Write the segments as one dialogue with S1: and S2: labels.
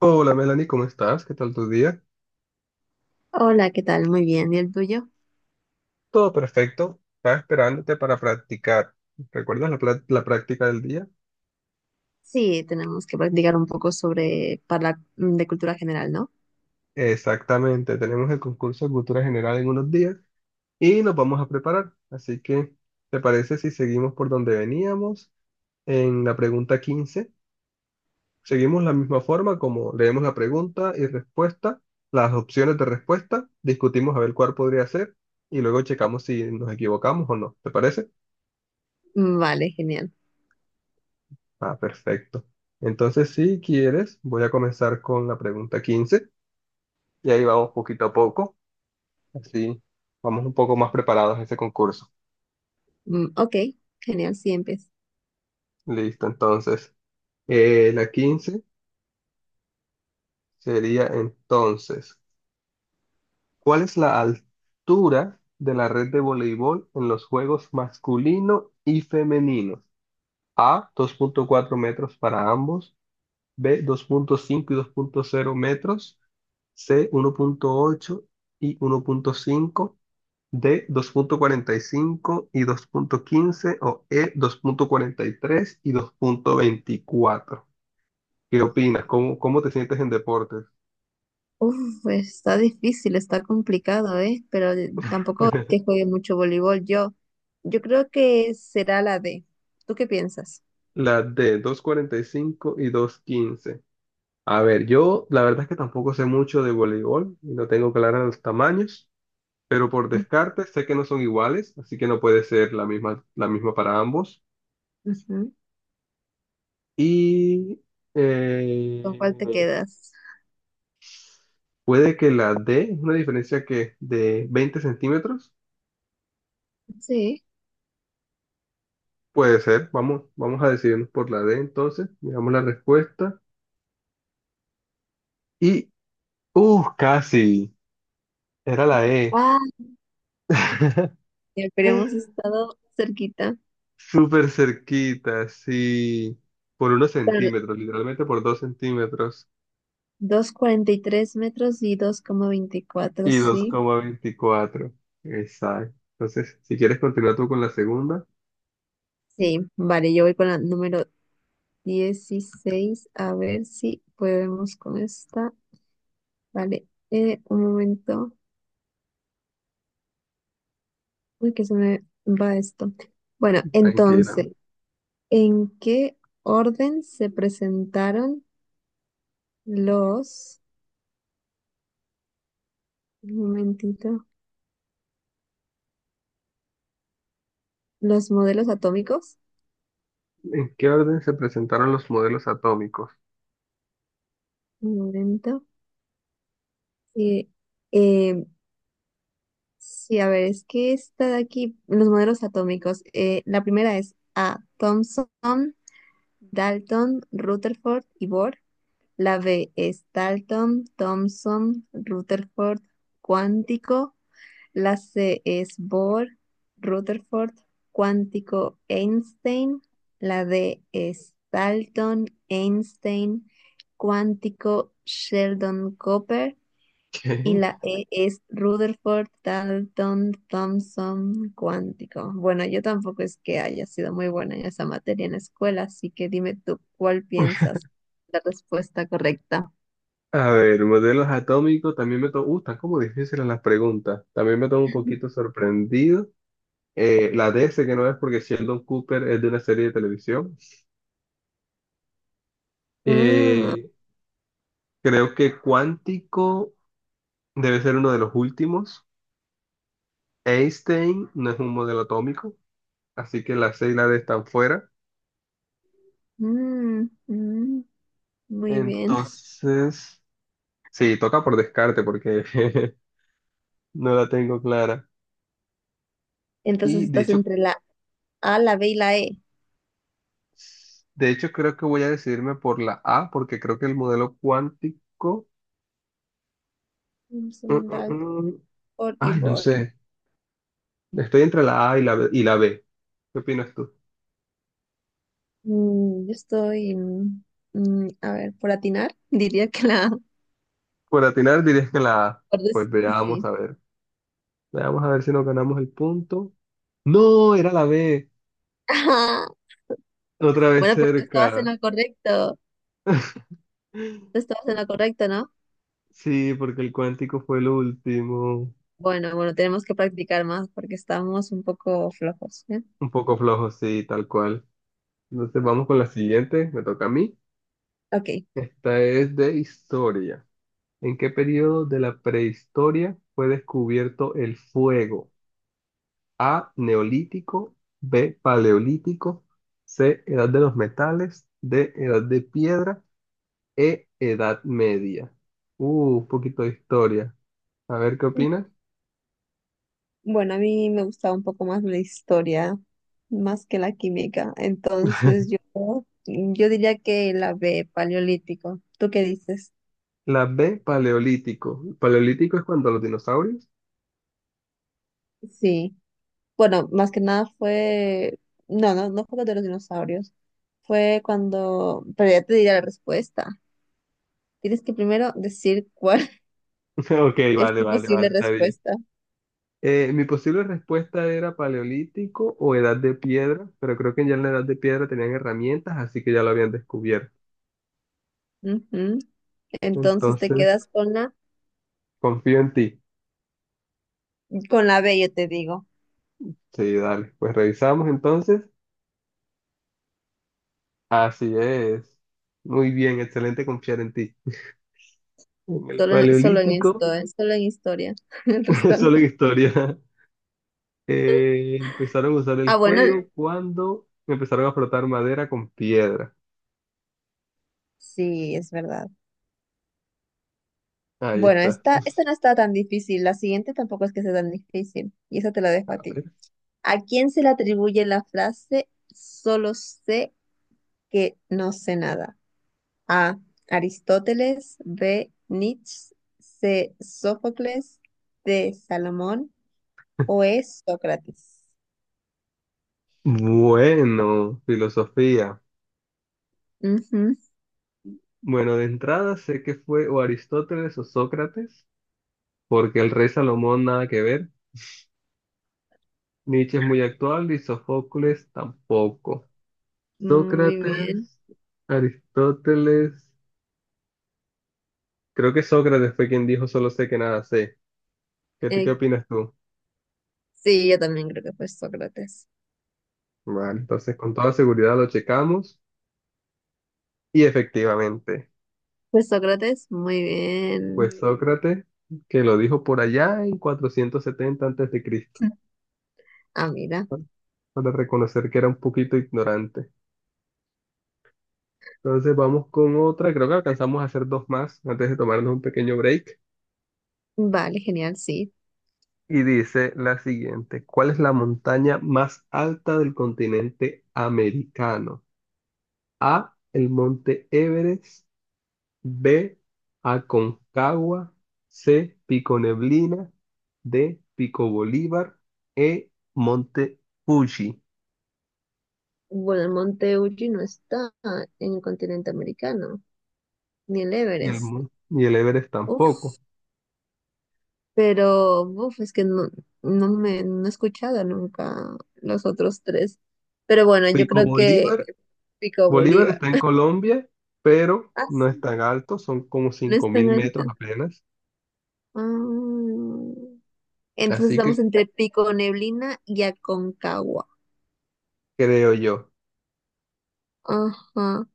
S1: Hola Melanie, ¿cómo estás? ¿Qué tal tu día?
S2: Hola, ¿qué tal? Muy bien. ¿Y el tuyo?
S1: Todo perfecto. Estaba esperándote para practicar. ¿Recuerdas la práctica del día?
S2: Sí, tenemos que practicar un poco sobre para de cultura general, ¿no?
S1: Exactamente. Tenemos el concurso de cultura general en unos días y nos vamos a preparar. Así que, ¿te parece si seguimos por donde veníamos en la pregunta 15? Seguimos la misma forma como leemos la pregunta y respuesta, las opciones de respuesta, discutimos a ver cuál podría ser y luego checamos si nos equivocamos o no. ¿Te parece?
S2: Vale, genial.
S1: Ah, perfecto. Entonces, si quieres, voy a comenzar con la pregunta 15 y ahí vamos poquito a poco, así vamos un poco más preparados a ese concurso.
S2: Ok, genial, sí, empieza.
S1: Listo, entonces, la 15 sería entonces, ¿cuál es la altura de la red de voleibol en los juegos masculino y femenino? A, dos punto cuatro metros para ambos; B, dos punto cinco y dos punto cero metros; C, uno punto ocho y uno punto cinco; D, 2,45 y 2,15; o E, 2,43 y 2,24. ¿Qué opinas? ¿Cómo te sientes en deportes?
S2: Uf, pues, está difícil, está complicado, ¿eh? Pero tampoco es que juegue mucho voleibol. Yo creo que será la D. ¿Tú qué piensas?
S1: La D, 2,45 y 2,15. A ver, yo la verdad es que tampoco sé mucho de voleibol y no tengo claros los tamaños, pero por
S2: Mm,
S1: descarte sé que no son iguales, así que no puede ser la misma para ambos.
S2: ujú.
S1: Y
S2: ¿Con
S1: eh,
S2: cuál te quedas?
S1: puede que la D, una diferencia que de 20 centímetros.
S2: Sí.
S1: Puede ser, vamos, vamos a decidirnos por la D entonces, miramos la respuesta. Y casi, era la E.
S2: Ah, ya, pero hemos estado cerquita.
S1: Súper cerquita, sí, por unos
S2: Pero
S1: centímetros, literalmente por dos centímetros
S2: dos coma cuarenta y tres metros y dos coma veinticuatro,
S1: y dos
S2: sí.
S1: coma veinticuatro. Exacto. Entonces, si quieres continuar tú con la segunda,
S2: Sí, vale, yo voy con la número 16 a ver si podemos con esta. Vale, un momento. Uy, que se me va esto. Bueno,
S1: tranquila.
S2: entonces, ¿en qué orden se presentaron los, un momentito, los modelos atómicos?
S1: ¿En qué orden se presentaron los modelos atómicos?
S2: Un momento. Sí, eh, sí, a ver, es que esta de aquí, los modelos atómicos, la primera es A. Thomson, Dalton, Rutherford y Bohr. La B es Dalton, Thomson, Rutherford, cuántico. La C es Bohr, Rutherford, cuántico, Einstein. La D es Dalton, Einstein, cuántico, Sheldon Cooper.
S1: ¿Qué?
S2: Y la E es Rutherford Dalton Thompson cuántico. Bueno, yo tampoco es que haya sido muy buena en esa materia en la escuela, así que dime tú cuál piensas la respuesta correcta.
S1: A ver, modelos atómicos, también me tomo, están como difíciles las preguntas, también me tomo un poquito sorprendido. La D sé que no es porque Sheldon Cooper es de una serie de televisión.
S2: Ah,
S1: Eh, Creo que cuántico debe ser uno de los últimos. Einstein no es un modelo atómico, así que la C y la D están fuera.
S2: mm, mm, muy bien.
S1: Entonces, sí, toca por descarte porque no la tengo clara.
S2: Entonces
S1: Y de
S2: estás
S1: hecho,
S2: entre la A, la B y la E.
S1: de hecho, creo que voy a decidirme por la A, porque creo que el modelo cuántico... mm,
S2: Thompson, Dalton
S1: mm, mm,
S2: y
S1: Ay, no
S2: Bohr.
S1: sé. Estoy entre la A y la B. ¿Qué opinas tú?
S2: Mm, yo estoy, mm, mm, a ver, por atinar, diría que la A,
S1: Por atinar dirías que la A.
S2: por
S1: Pues
S2: des-
S1: veamos
S2: sí.
S1: a ver. Veamos a ver si nos ganamos el punto. No, era la B. Otra vez
S2: Bueno, pero tú estabas en
S1: cerca.
S2: lo correcto. Tú estabas en lo correcto, ¿no?
S1: Sí, porque el cuántico fue el último.
S2: Bueno, bueno, tenemos que practicar más porque estamos un poco flojos, ¿eh?
S1: Un poco flojo, sí, tal cual. Entonces vamos con la siguiente. Me toca a mí.
S2: Ok.
S1: Esta es de historia. ¿En qué periodo de la prehistoria fue descubierto el fuego? A, neolítico; B, paleolítico; C, edad de los metales; D, edad de piedra; E, edad media. Un poquito de historia. A ver, ¿qué opinas?
S2: Bueno, a mí me gustaba un poco más la historia, más que la química. Entonces yo diría que la B, paleolítico. ¿Tú qué dices?
S1: La B, paleolítico. ¿Paleolítico es cuando los dinosaurios?
S2: Sí. Bueno, más que nada fue... No, no fue lo de los dinosaurios. Fue cuando... Pero ya te diré la respuesta. Tienes que primero decir cuál
S1: Ok,
S2: es
S1: vale,
S2: tu
S1: vale,
S2: posible
S1: vale, está bien.
S2: respuesta.
S1: Mi posible respuesta era paleolítico o edad de piedra, pero creo que ya en la edad de piedra tenían herramientas, así que ya lo habían descubierto.
S2: Ujú. Entonces te
S1: Entonces,
S2: quedas con
S1: confío en ti.
S2: con la B, yo te digo.
S1: Sí, dale. Pues revisamos entonces. Así es. Muy bien, excelente confiar en ti. En el
S2: Solo, solo en
S1: Paleolítico,
S2: historia, solo en historia. El resto
S1: solo en
S2: no.
S1: historia, empezaron a usar
S2: Ah,
S1: el
S2: bueno,
S1: fuego cuando empezaron a frotar madera con piedra.
S2: sí, es verdad.
S1: Ahí
S2: Bueno,
S1: está.
S2: esta no está tan difícil. La siguiente tampoco es que sea tan difícil. Y esa te la dejo a
S1: A
S2: ti.
S1: ver.
S2: ¿A quién se le atribuye la frase solo sé que no sé nada? A. Aristóteles. B. Nietzsche. C. Sófocles. D. Salomón. O E. Sócrates.
S1: Bueno, filosofía. Bueno, de entrada sé que fue o Aristóteles o Sócrates, porque el rey Salomón nada que ver. Nietzsche es muy actual y Sófocles tampoco.
S2: Muy bien.
S1: Sócrates, Aristóteles, creo que Sócrates fue quien dijo solo sé que nada sé. ¿Qué
S2: Eh,
S1: opinas tú?
S2: sí, yo también creo que fue Sócrates.
S1: Vale, entonces con toda seguridad lo checamos y efectivamente,
S2: Fue Sócrates, muy bien.
S1: pues Sócrates, que lo dijo por allá en 470 antes de Cristo,
S2: Ah, mira.
S1: ¿no?, para reconocer que era un poquito ignorante. Entonces vamos con otra, creo que alcanzamos a hacer dos más antes de tomarnos un pequeño break.
S2: Vale, genial, sí.
S1: Y dice la siguiente, ¿cuál es la montaña más alta del continente americano? A, el monte Everest; B, Aconcagua; C, Pico Neblina; D, Pico Bolívar; E, Monte Fuji.
S2: Bueno, el Monte Fuji no está en el continente americano, ni el
S1: Y el,
S2: Everest.
S1: mon- y el Everest
S2: Uf,
S1: tampoco.
S2: pero uf, es que no me no he escuchado nunca los otros tres. Pero bueno, yo
S1: Pico
S2: creo que
S1: Bolívar,
S2: Pico
S1: Bolívar
S2: Bolívar.
S1: está en Colombia, pero
S2: Ah,
S1: no es
S2: sí,
S1: tan alto, son como
S2: no
S1: cinco
S2: es tan
S1: mil metros
S2: alto.
S1: apenas.
S2: Ah, entonces
S1: Así
S2: estamos
S1: que
S2: entre Pico Neblina y Aconcagua.
S1: creo yo.
S2: Ajá.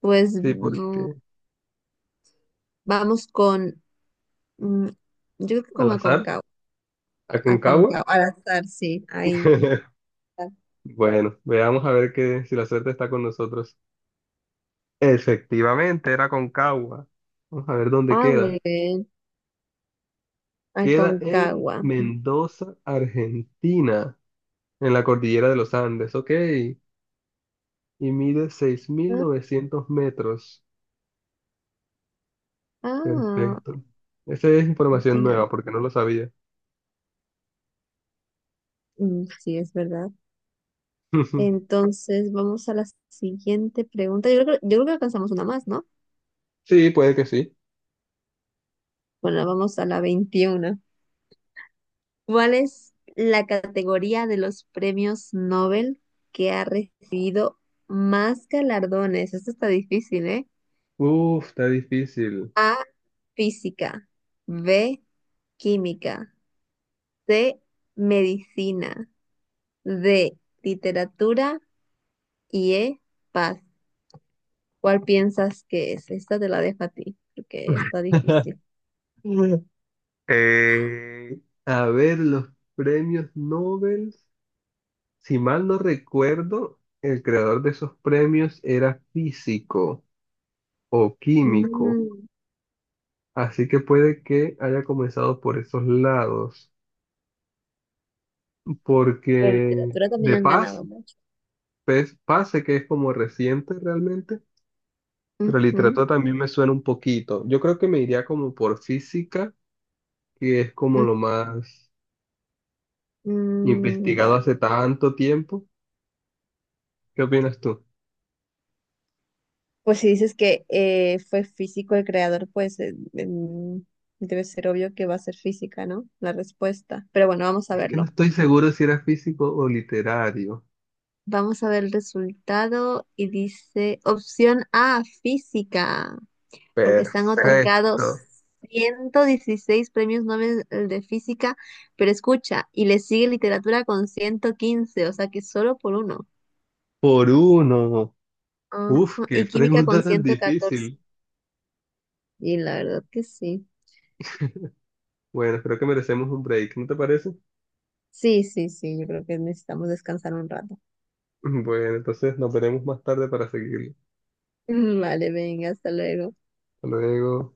S2: Pues
S1: Sí,
S2: mm,
S1: porque
S2: vamos con, mm, yo creo que
S1: al
S2: con
S1: azar,
S2: Aconcagua,
S1: Aconcagua.
S2: Aconcagua, al azar, sí, ahí. Está.
S1: Bueno, veamos a ver que, si la suerte está con nosotros. Efectivamente, era Concagua. Vamos a ver dónde
S2: Ah, muy
S1: queda.
S2: bien,
S1: Queda en
S2: Aconcagua.
S1: Mendoza, Argentina, en la cordillera de los Andes, ok. Y mide seis mil
S2: Ah,
S1: novecientos metros.
S2: ah,
S1: Perfecto. Esa es información
S2: Argentina.
S1: nueva porque no lo sabía.
S2: Mm, sí, es verdad. Entonces, vamos a la siguiente pregunta. Yo creo que alcanzamos una más, ¿no?
S1: Sí, puede que sí.
S2: Bueno, vamos a la 21. ¿Cuál es la categoría de los premios Nobel que ha recibido más galardones? Esto está difícil, ¿eh?
S1: Uf, está difícil.
S2: Física, B, química, C, medicina, D, literatura y E, paz. ¿Cuál piensas que es? Esta te la dejo a ti, porque está difícil.
S1: Eh, a ver, los premios Nobel. Si mal no recuerdo, el creador de esos premios era físico o químico,
S2: Mm,
S1: así que puede que haya comenzado por esos lados,
S2: pero
S1: porque
S2: literatura también
S1: de
S2: han
S1: Paz,
S2: ganado mucho.
S1: pues, Paz sé que es como reciente realmente, pero
S2: Ujú,
S1: literatura también me suena un poquito. Yo creo que me iría como por física, que es como
S2: ujú,
S1: lo más
S2: mm,
S1: investigado
S2: vale.
S1: hace tanto tiempo. ¿Qué opinas tú?
S2: Pues si dices que fue físico el creador, pues mm, debe ser obvio que va a ser física, ¿no? La respuesta. Pero bueno, vamos a
S1: Es que no
S2: verlo.
S1: estoy seguro si era físico o literario.
S2: Vamos a ver el resultado y dice opción A, física, porque se han otorgado
S1: Perfecto.
S2: 116 premios Nobel de física, pero escucha, y le sigue literatura con 115, o sea que solo por uno.
S1: Por uno.
S2: Ajá,
S1: Uf, qué
S2: y química con
S1: pregunta tan
S2: 114.
S1: difícil.
S2: Y la verdad que sí.
S1: Bueno, creo que merecemos un break, ¿no te parece?
S2: Sí, sí, sí, yo creo que necesitamos descansar un rato.
S1: Bueno, entonces nos veremos más tarde para seguirlo.
S2: Vale, venga, hasta luego.
S1: Hasta luego.